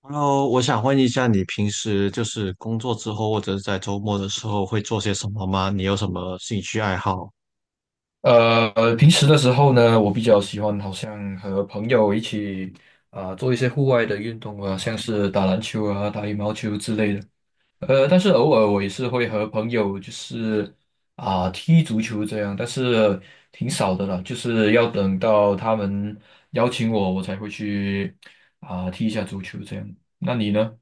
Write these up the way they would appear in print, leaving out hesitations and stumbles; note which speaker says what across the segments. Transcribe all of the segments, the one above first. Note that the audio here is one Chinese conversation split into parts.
Speaker 1: Hello，我想问一下，你平时就是工作之后，或者是在周末的时候会做些什么吗？你有什么兴趣爱好？
Speaker 2: 平时的时候呢，我比较喜欢好像和朋友一起啊、做一些户外的运动啊，像是打篮球啊、打羽毛球之类的。但是偶尔我也是会和朋友就是啊、踢足球这样，但是挺少的了，就是要等到他们邀请我，我才会去啊、踢一下足球这样。那你呢？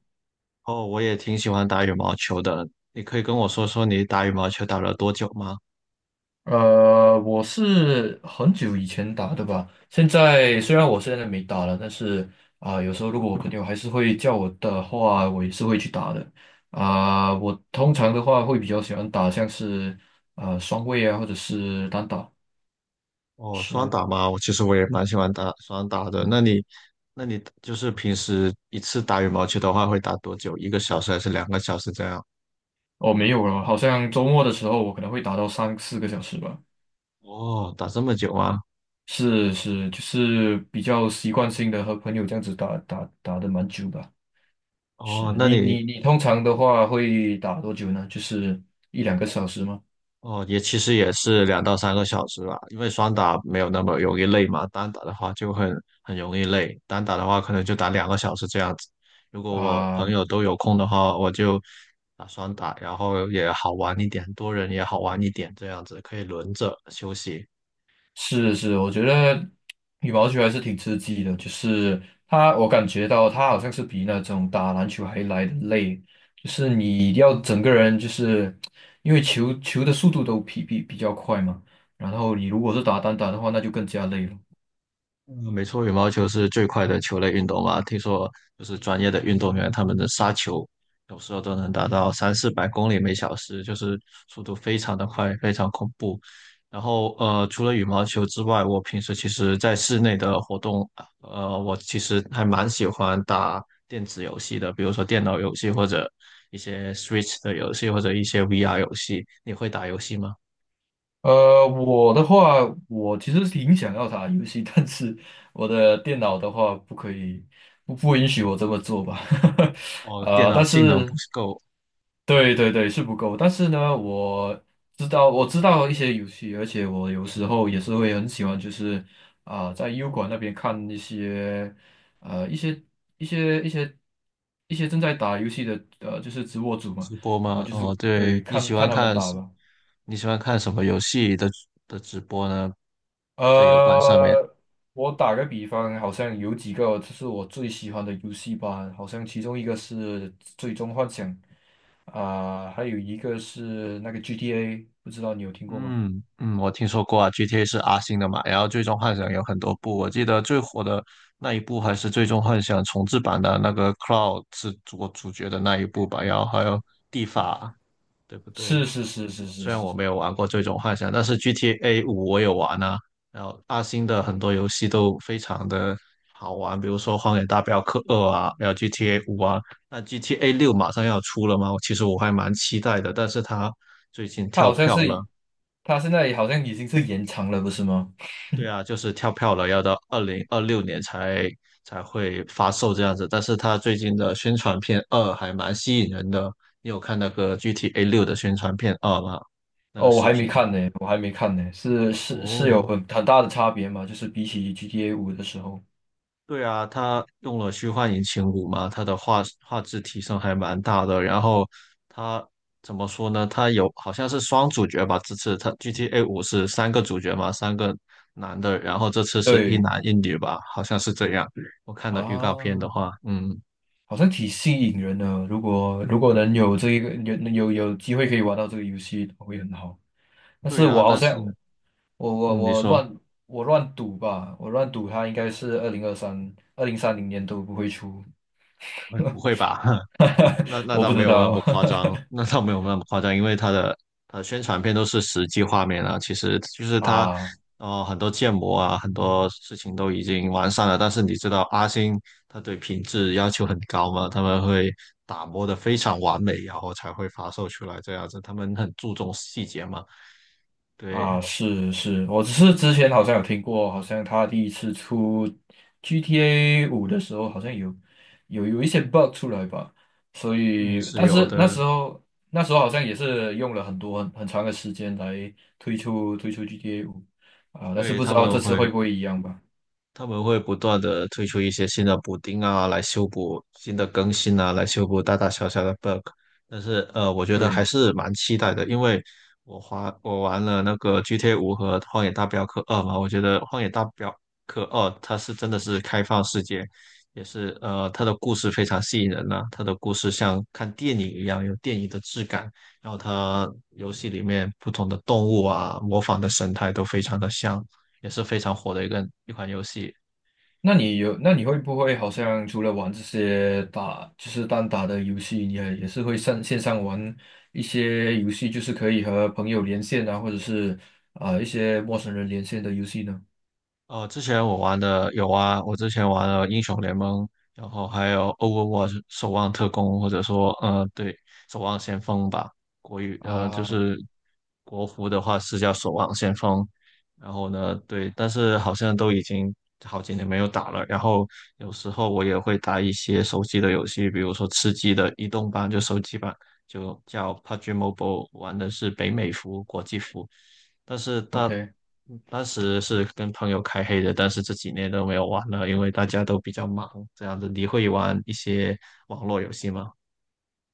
Speaker 1: 哦，我也挺喜欢打羽毛球的，你可以跟我说说你打羽毛球打了多久吗？
Speaker 2: 我是很久以前打的吧。现在虽然我现在没打了，但是啊、有时候如果我朋友还是会叫我的话，我也是会去打的。啊、我通常的话会比较喜欢打像是双位啊，或者是单打。
Speaker 1: 哦，双
Speaker 2: 是，
Speaker 1: 打吗？我其实我也蛮喜欢打双打的。那你就是平时一次打羽毛球的话，会打多久？一个小时还是两个小时这样？
Speaker 2: 哦，没有了，好像周末的时候我可能会打到三四个小时吧。
Speaker 1: 哦，打这么久吗？
Speaker 2: 是是，就是比较习惯性的和朋友这样子打的蛮久的。是
Speaker 1: 哦，那
Speaker 2: 你
Speaker 1: 你
Speaker 2: 你你通常的话会打多久呢？就是一两个小时吗？
Speaker 1: 哦，也其实也是两到三个小时吧，因为双打没有那么容易累嘛，单打的话就很容易累，单打的话可能就打两个小时这样子。如果我朋
Speaker 2: 啊，
Speaker 1: 友都有空的话，我就打双打，然后也好玩一点，多人也好玩一点，这样子可以轮着休息。
Speaker 2: 是是，我觉得羽毛球还是挺刺激的，就是它，我感觉到它好像是比那种打篮球还来的累，就是你要整个人就是因为球的速度都比较快嘛，然后你如果是打单打的话，那就更加累了。
Speaker 1: 嗯，没错，羽毛球是最快的球类运动嘛。听说就是专业的运动员，他们的杀球有时候都能达到三四百公里每小时，就是速度非常的快，非常恐怖。然后除了羽毛球之外，我平时其实在室内的活动，我其实还蛮喜欢打电子游戏的，比如说电脑游戏或者一些 Switch 的游戏或者一些 VR 游戏。你会打游戏吗？
Speaker 2: 我的话，我其实是挺想要打游戏，但是我的电脑的话不可以，不允许我这么做吧。
Speaker 1: 哦，电脑
Speaker 2: 但
Speaker 1: 性能不
Speaker 2: 是
Speaker 1: 够，
Speaker 2: 对是不够，但是呢，我知道一些游戏，而且我有时候也是会很喜欢，就是啊、在优管那边看一些呃一些一些一些一些正在打游戏的就是直播主嘛，
Speaker 1: 直播
Speaker 2: 然后
Speaker 1: 吗？
Speaker 2: 就是
Speaker 1: 哦，
Speaker 2: 对
Speaker 1: 对，
Speaker 2: 看看他们打吧。
Speaker 1: 你喜欢看什么游戏的直播呢？在油管上面。
Speaker 2: 呃，我打个比方，好像有几个就是我最喜欢的游戏吧，好像其中一个是《最终幻想》，啊、还有一个是那个 GTA,不知道你有听过吗？
Speaker 1: 嗯嗯，我听说过啊，GTA 是阿星的嘛，然后《最终幻想》有很多部，我记得最火的那一部还是《最终幻想》重制版的那个 Cloud 是主角的那一部吧，然后还有蒂法，对不
Speaker 2: 是
Speaker 1: 对？
Speaker 2: 是是是是
Speaker 1: 虽然
Speaker 2: 是
Speaker 1: 我
Speaker 2: 是，
Speaker 1: 没有玩过《这种幻想》，但是 GTA 五我有玩啊。然后阿星的很多游戏都非常的好玩，比如说《荒野大镖客二》啊，还有 GTA 五啊。那 GTA 六马上要出了吗？其实我还蛮期待的，但是它最近
Speaker 2: 它
Speaker 1: 跳
Speaker 2: 好像
Speaker 1: 票
Speaker 2: 是，
Speaker 1: 了。
Speaker 2: 它现在好像已经是延长了，不是吗？
Speaker 1: 对啊，就是跳票了，要到二零二六年才会发售这样子。但是它最近的宣传片二还蛮吸引人的，你有看那个 GTA 六的宣传片二吗？那个
Speaker 2: 哦，我
Speaker 1: 视
Speaker 2: 还没
Speaker 1: 频？
Speaker 2: 看呢，我还没看呢，是是是有
Speaker 1: 哦，
Speaker 2: 很大的差别嘛，就是比起 GTA 五的时候，
Speaker 1: 对啊，它用了虚幻引擎五嘛，它的画质提升还蛮大的。然后它怎么说呢？它有好像是双主角吧，这次它 GTA 五是三个主角嘛，三个男的，然后这次是一
Speaker 2: 对
Speaker 1: 男一女吧，好像是这样。我看的预告片的
Speaker 2: 啊。
Speaker 1: 话，嗯，
Speaker 2: 好像挺吸引人的。如果能有这一个有有机会可以玩到这个游戏，会很好。但是
Speaker 1: 对
Speaker 2: 我
Speaker 1: 啊，
Speaker 2: 好
Speaker 1: 但
Speaker 2: 像
Speaker 1: 是
Speaker 2: 我我
Speaker 1: 嗯，你
Speaker 2: 我
Speaker 1: 说。
Speaker 2: 乱我乱赌吧，我乱赌它应该是二零三零年都不会出，
Speaker 1: 哎，不会吧？那 那
Speaker 2: 我
Speaker 1: 倒
Speaker 2: 不
Speaker 1: 没
Speaker 2: 知
Speaker 1: 有那
Speaker 2: 道
Speaker 1: 么夸张，那倒没有那么夸张，因为它的宣传片都是实际画面啊，其实就是 它，
Speaker 2: 啊。
Speaker 1: 很多建模啊，很多事情都已经完善了。但是你知道阿星他对品质要求很高嘛，他们会打磨的非常完美，然后才会发售出来这样子，他们很注重细节嘛。对，
Speaker 2: 啊，是是，我只是之前好像有听过，好像他第一次出 GTA 五的时候，好像有一些 bug 出来吧，所
Speaker 1: 也
Speaker 2: 以
Speaker 1: 是
Speaker 2: 但
Speaker 1: 有
Speaker 2: 是那
Speaker 1: 的，
Speaker 2: 时候那时候好像也是用了很多很长的时间来推出 GTA 五啊，但是
Speaker 1: 对，
Speaker 2: 不知
Speaker 1: 他
Speaker 2: 道
Speaker 1: 们
Speaker 2: 这
Speaker 1: 会。
Speaker 2: 次会不会一样吧。
Speaker 1: 他们会不断的推出一些新的补丁啊，来修补新的更新啊，来修补大大小小的 bug。但是我觉得还
Speaker 2: 对。
Speaker 1: 是蛮期待的，因为我玩了那个 GTA 五和《荒野大镖客二》嘛，我觉得《荒野大镖客二》它是真的是开放世界，也是它的故事非常吸引人呐、它的故事像看电影一样，有电影的质感。然后它游戏里面不同的动物啊，模仿的神态都非常的像，也是非常火的一款游戏。
Speaker 2: 那你有，那你会不会好像除了玩这些打，就是单打的游戏，你也是会上线上玩一些游戏，就是可以和朋友连线啊，或者是啊、一些陌生人连线的游戏呢？
Speaker 1: 之前我玩的有啊，我之前玩了英雄联盟，然后还有 Overwatch 守望特工，或者说对，守望先锋吧，就
Speaker 2: 啊
Speaker 1: 是国服的话是叫守望先锋，然后呢，对，但是好像都已经好几年没有打了。然后有时候我也会打一些手机的游戏，比如说吃鸡的移动版，就手机版，就叫 PUBG Mobile，玩的是北美服、国际服。但是
Speaker 2: ，OK,
Speaker 1: 当时是跟朋友开黑的，但是这几年都没有玩了，因为大家都比较忙。这样子，你会玩一些网络游戏吗？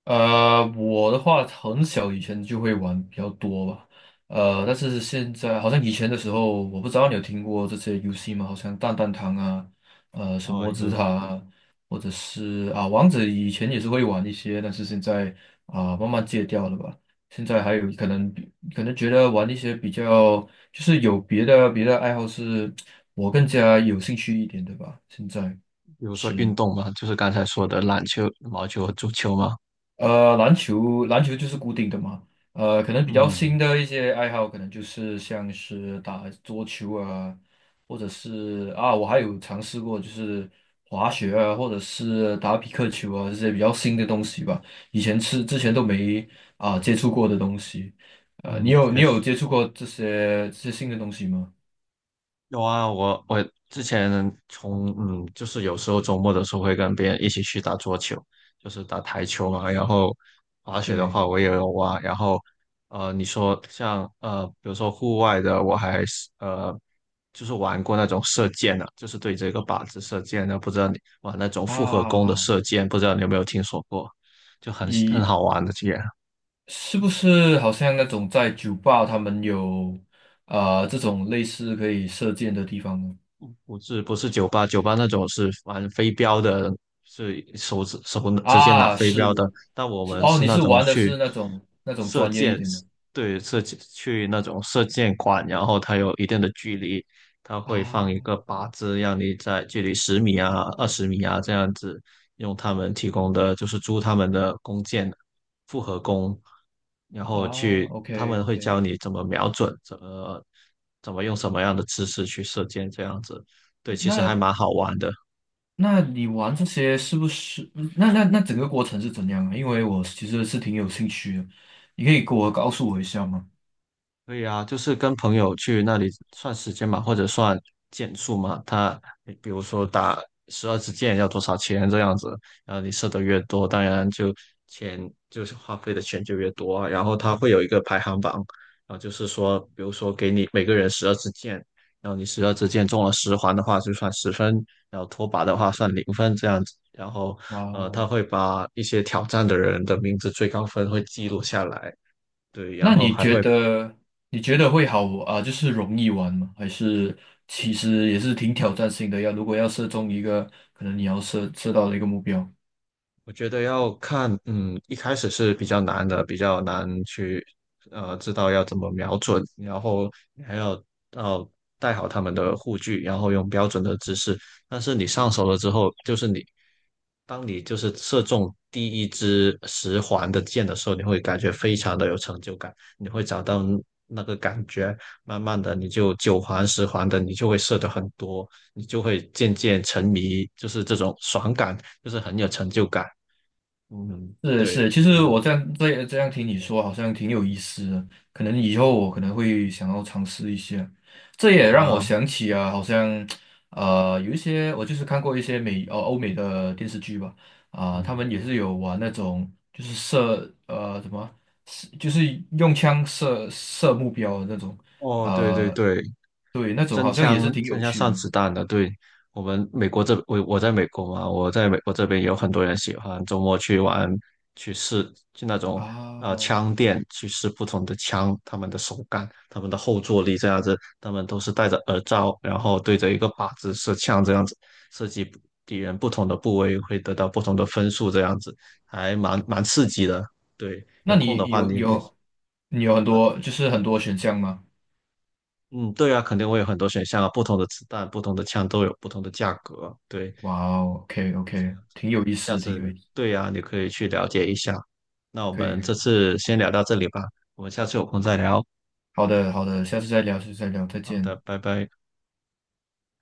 Speaker 2: 我的话很小以前就会玩比较多吧，但是现在好像以前的时候，我不知道你有听过这些游戏吗？好像蛋蛋堂啊，什
Speaker 1: 哦，
Speaker 2: 么之
Speaker 1: 有，
Speaker 2: 塔啊，或者是啊王者，以前也是会玩一些，但是现在啊慢慢戒掉了吧。现在还有可能比可能觉得玩一些比较就是有别的爱好是我更加有兴趣一点的吧。现在
Speaker 1: 比如说
Speaker 2: 是。
Speaker 1: 运动嘛，就是刚才说的篮球、羽毛球和足球嘛。
Speaker 2: 篮球就是固定的嘛。可能比较新
Speaker 1: 嗯
Speaker 2: 的一些爱好，可能就是像是打桌球啊，或者是啊，我还有尝试过就是滑雪啊，或者是打匹克球啊，这些比较新的东西吧。以前是之前都没啊接触过的东西。你
Speaker 1: 嗯，
Speaker 2: 有
Speaker 1: 确
Speaker 2: 你有
Speaker 1: 实。
Speaker 2: 接触过这些新的东西吗？
Speaker 1: 有啊，我之前就是有时候周末的时候会跟别人一起去打桌球，就是打台球嘛。然后滑雪的
Speaker 2: 对
Speaker 1: 话我也有玩。然后你说像比如说户外的，我还是就是玩过那种射箭的，就是对这个靶子射箭的。不知道你玩那种复合弓的
Speaker 2: 啊，
Speaker 1: 射箭，不知道你有没有听说过？就很
Speaker 2: 一。
Speaker 1: 好玩的，这个。
Speaker 2: 是不是好像那种在酒吧他们有啊、这种类似可以射箭的地方呢？
Speaker 1: 不是不是酒吧，酒吧那种是玩飞镖的，是手指手直接拿
Speaker 2: 啊，
Speaker 1: 飞
Speaker 2: 是
Speaker 1: 镖的。但我
Speaker 2: 是
Speaker 1: 们
Speaker 2: 哦，
Speaker 1: 是
Speaker 2: 你
Speaker 1: 那
Speaker 2: 是
Speaker 1: 种
Speaker 2: 玩的
Speaker 1: 去
Speaker 2: 是那种
Speaker 1: 射
Speaker 2: 专业一
Speaker 1: 箭，
Speaker 2: 点的
Speaker 1: 对，射箭去那种射箭馆，然后它有一定的距离，它会放一个
Speaker 2: 啊
Speaker 1: 靶子，让你在距离十米啊、二十米啊这样子，用他们提供的就是租他们的弓箭，复合弓，然后
Speaker 2: 啊
Speaker 1: 去他
Speaker 2: ，OK
Speaker 1: 们会
Speaker 2: OK,
Speaker 1: 教你怎么瞄准，怎么用什么样的姿势去射箭这样子。对，其实还
Speaker 2: 那
Speaker 1: 蛮好玩的。
Speaker 2: 那你玩这些是不是？那整个过程是怎样啊？因为我其实是挺有兴趣的，你可以给告诉我一下吗？
Speaker 1: 对呀，就是跟朋友去那里算时间嘛，或者算件数嘛。他比如说打十二支箭要多少钱这样子，然后你射的越多，当然就钱就是花费的钱就越多啊然后他会有一个排行榜，然后就是说，比如说给你每个人十二支箭，然后你十二支箭中了十环的话就算十分，然后脱靶的话算零分这样子。然后他
Speaker 2: 啊
Speaker 1: 会把一些挑战的人的名字最高分会记录下来。对，然
Speaker 2: 那
Speaker 1: 后
Speaker 2: 你觉得会好啊，就是容易玩吗？还是其实也是挺挑战性的？要如果要射中一个，可能你要射到的一个目标。
Speaker 1: 我觉得要看，嗯，一开始是比较难的，比较难去，知道要怎么瞄准，然后你还要带好他们的护具，然后用标准的姿势。但是你上手了之后，就是你，当你就是射中第一支十环的箭的时候，你会感觉非常的有成就感，你会找到那个感觉。慢慢的，你就九环、十环的，你就会射得很多，你就会渐渐沉迷，就是这种爽感，就是很有成就感。嗯，
Speaker 2: 是
Speaker 1: 对，
Speaker 2: 是，
Speaker 1: 就
Speaker 2: 其
Speaker 1: 这
Speaker 2: 实
Speaker 1: 个，
Speaker 2: 我这样听你说，好像挺有意思的。可能以后我可能会想要尝试一下。这也
Speaker 1: 好
Speaker 2: 让我
Speaker 1: 啊，
Speaker 2: 想起啊，好像有一些我就是看过一些欧美的电视剧吧，啊、他
Speaker 1: 嗯，
Speaker 2: 们也是有玩那种就是什么，是就是用枪射目标的那种，
Speaker 1: 哦，对对对，
Speaker 2: 对，那种
Speaker 1: 真
Speaker 2: 好像也是
Speaker 1: 枪
Speaker 2: 挺
Speaker 1: 真
Speaker 2: 有
Speaker 1: 枪
Speaker 2: 趣
Speaker 1: 上
Speaker 2: 的
Speaker 1: 子弹的，对，我们美国这，我在美国嘛，我在美国这边有很多人喜欢周末去玩，去试，去那种
Speaker 2: 啊。
Speaker 1: 枪店去试不同的枪，他们的手感，他们的后坐力这样子，他们都是戴着耳罩，然后对着一个靶子射枪这样子，射击敌人不同的部位会得到不同的分数这样子，还蛮刺激的，对，
Speaker 2: 那
Speaker 1: 有空的
Speaker 2: 你
Speaker 1: 话你也可以。
Speaker 2: 你有很
Speaker 1: 呃
Speaker 2: 多就是很多选项吗？
Speaker 1: 嗯，对啊，肯定会有很多选项啊，不同的子弹、不同的枪都有不同的价格。对，
Speaker 2: 哇哦，OK
Speaker 1: 所以
Speaker 2: OK,挺有意
Speaker 1: 下
Speaker 2: 思，挺
Speaker 1: 次
Speaker 2: 有意思，
Speaker 1: 对呀，你可以去了解一下。那我
Speaker 2: 可以
Speaker 1: 们
Speaker 2: 可
Speaker 1: 这
Speaker 2: 以，
Speaker 1: 次先聊到这里吧，我们下次有空再聊。
Speaker 2: 好的好的，下次再聊，下次再聊，再
Speaker 1: 好的，
Speaker 2: 见。
Speaker 1: 拜拜。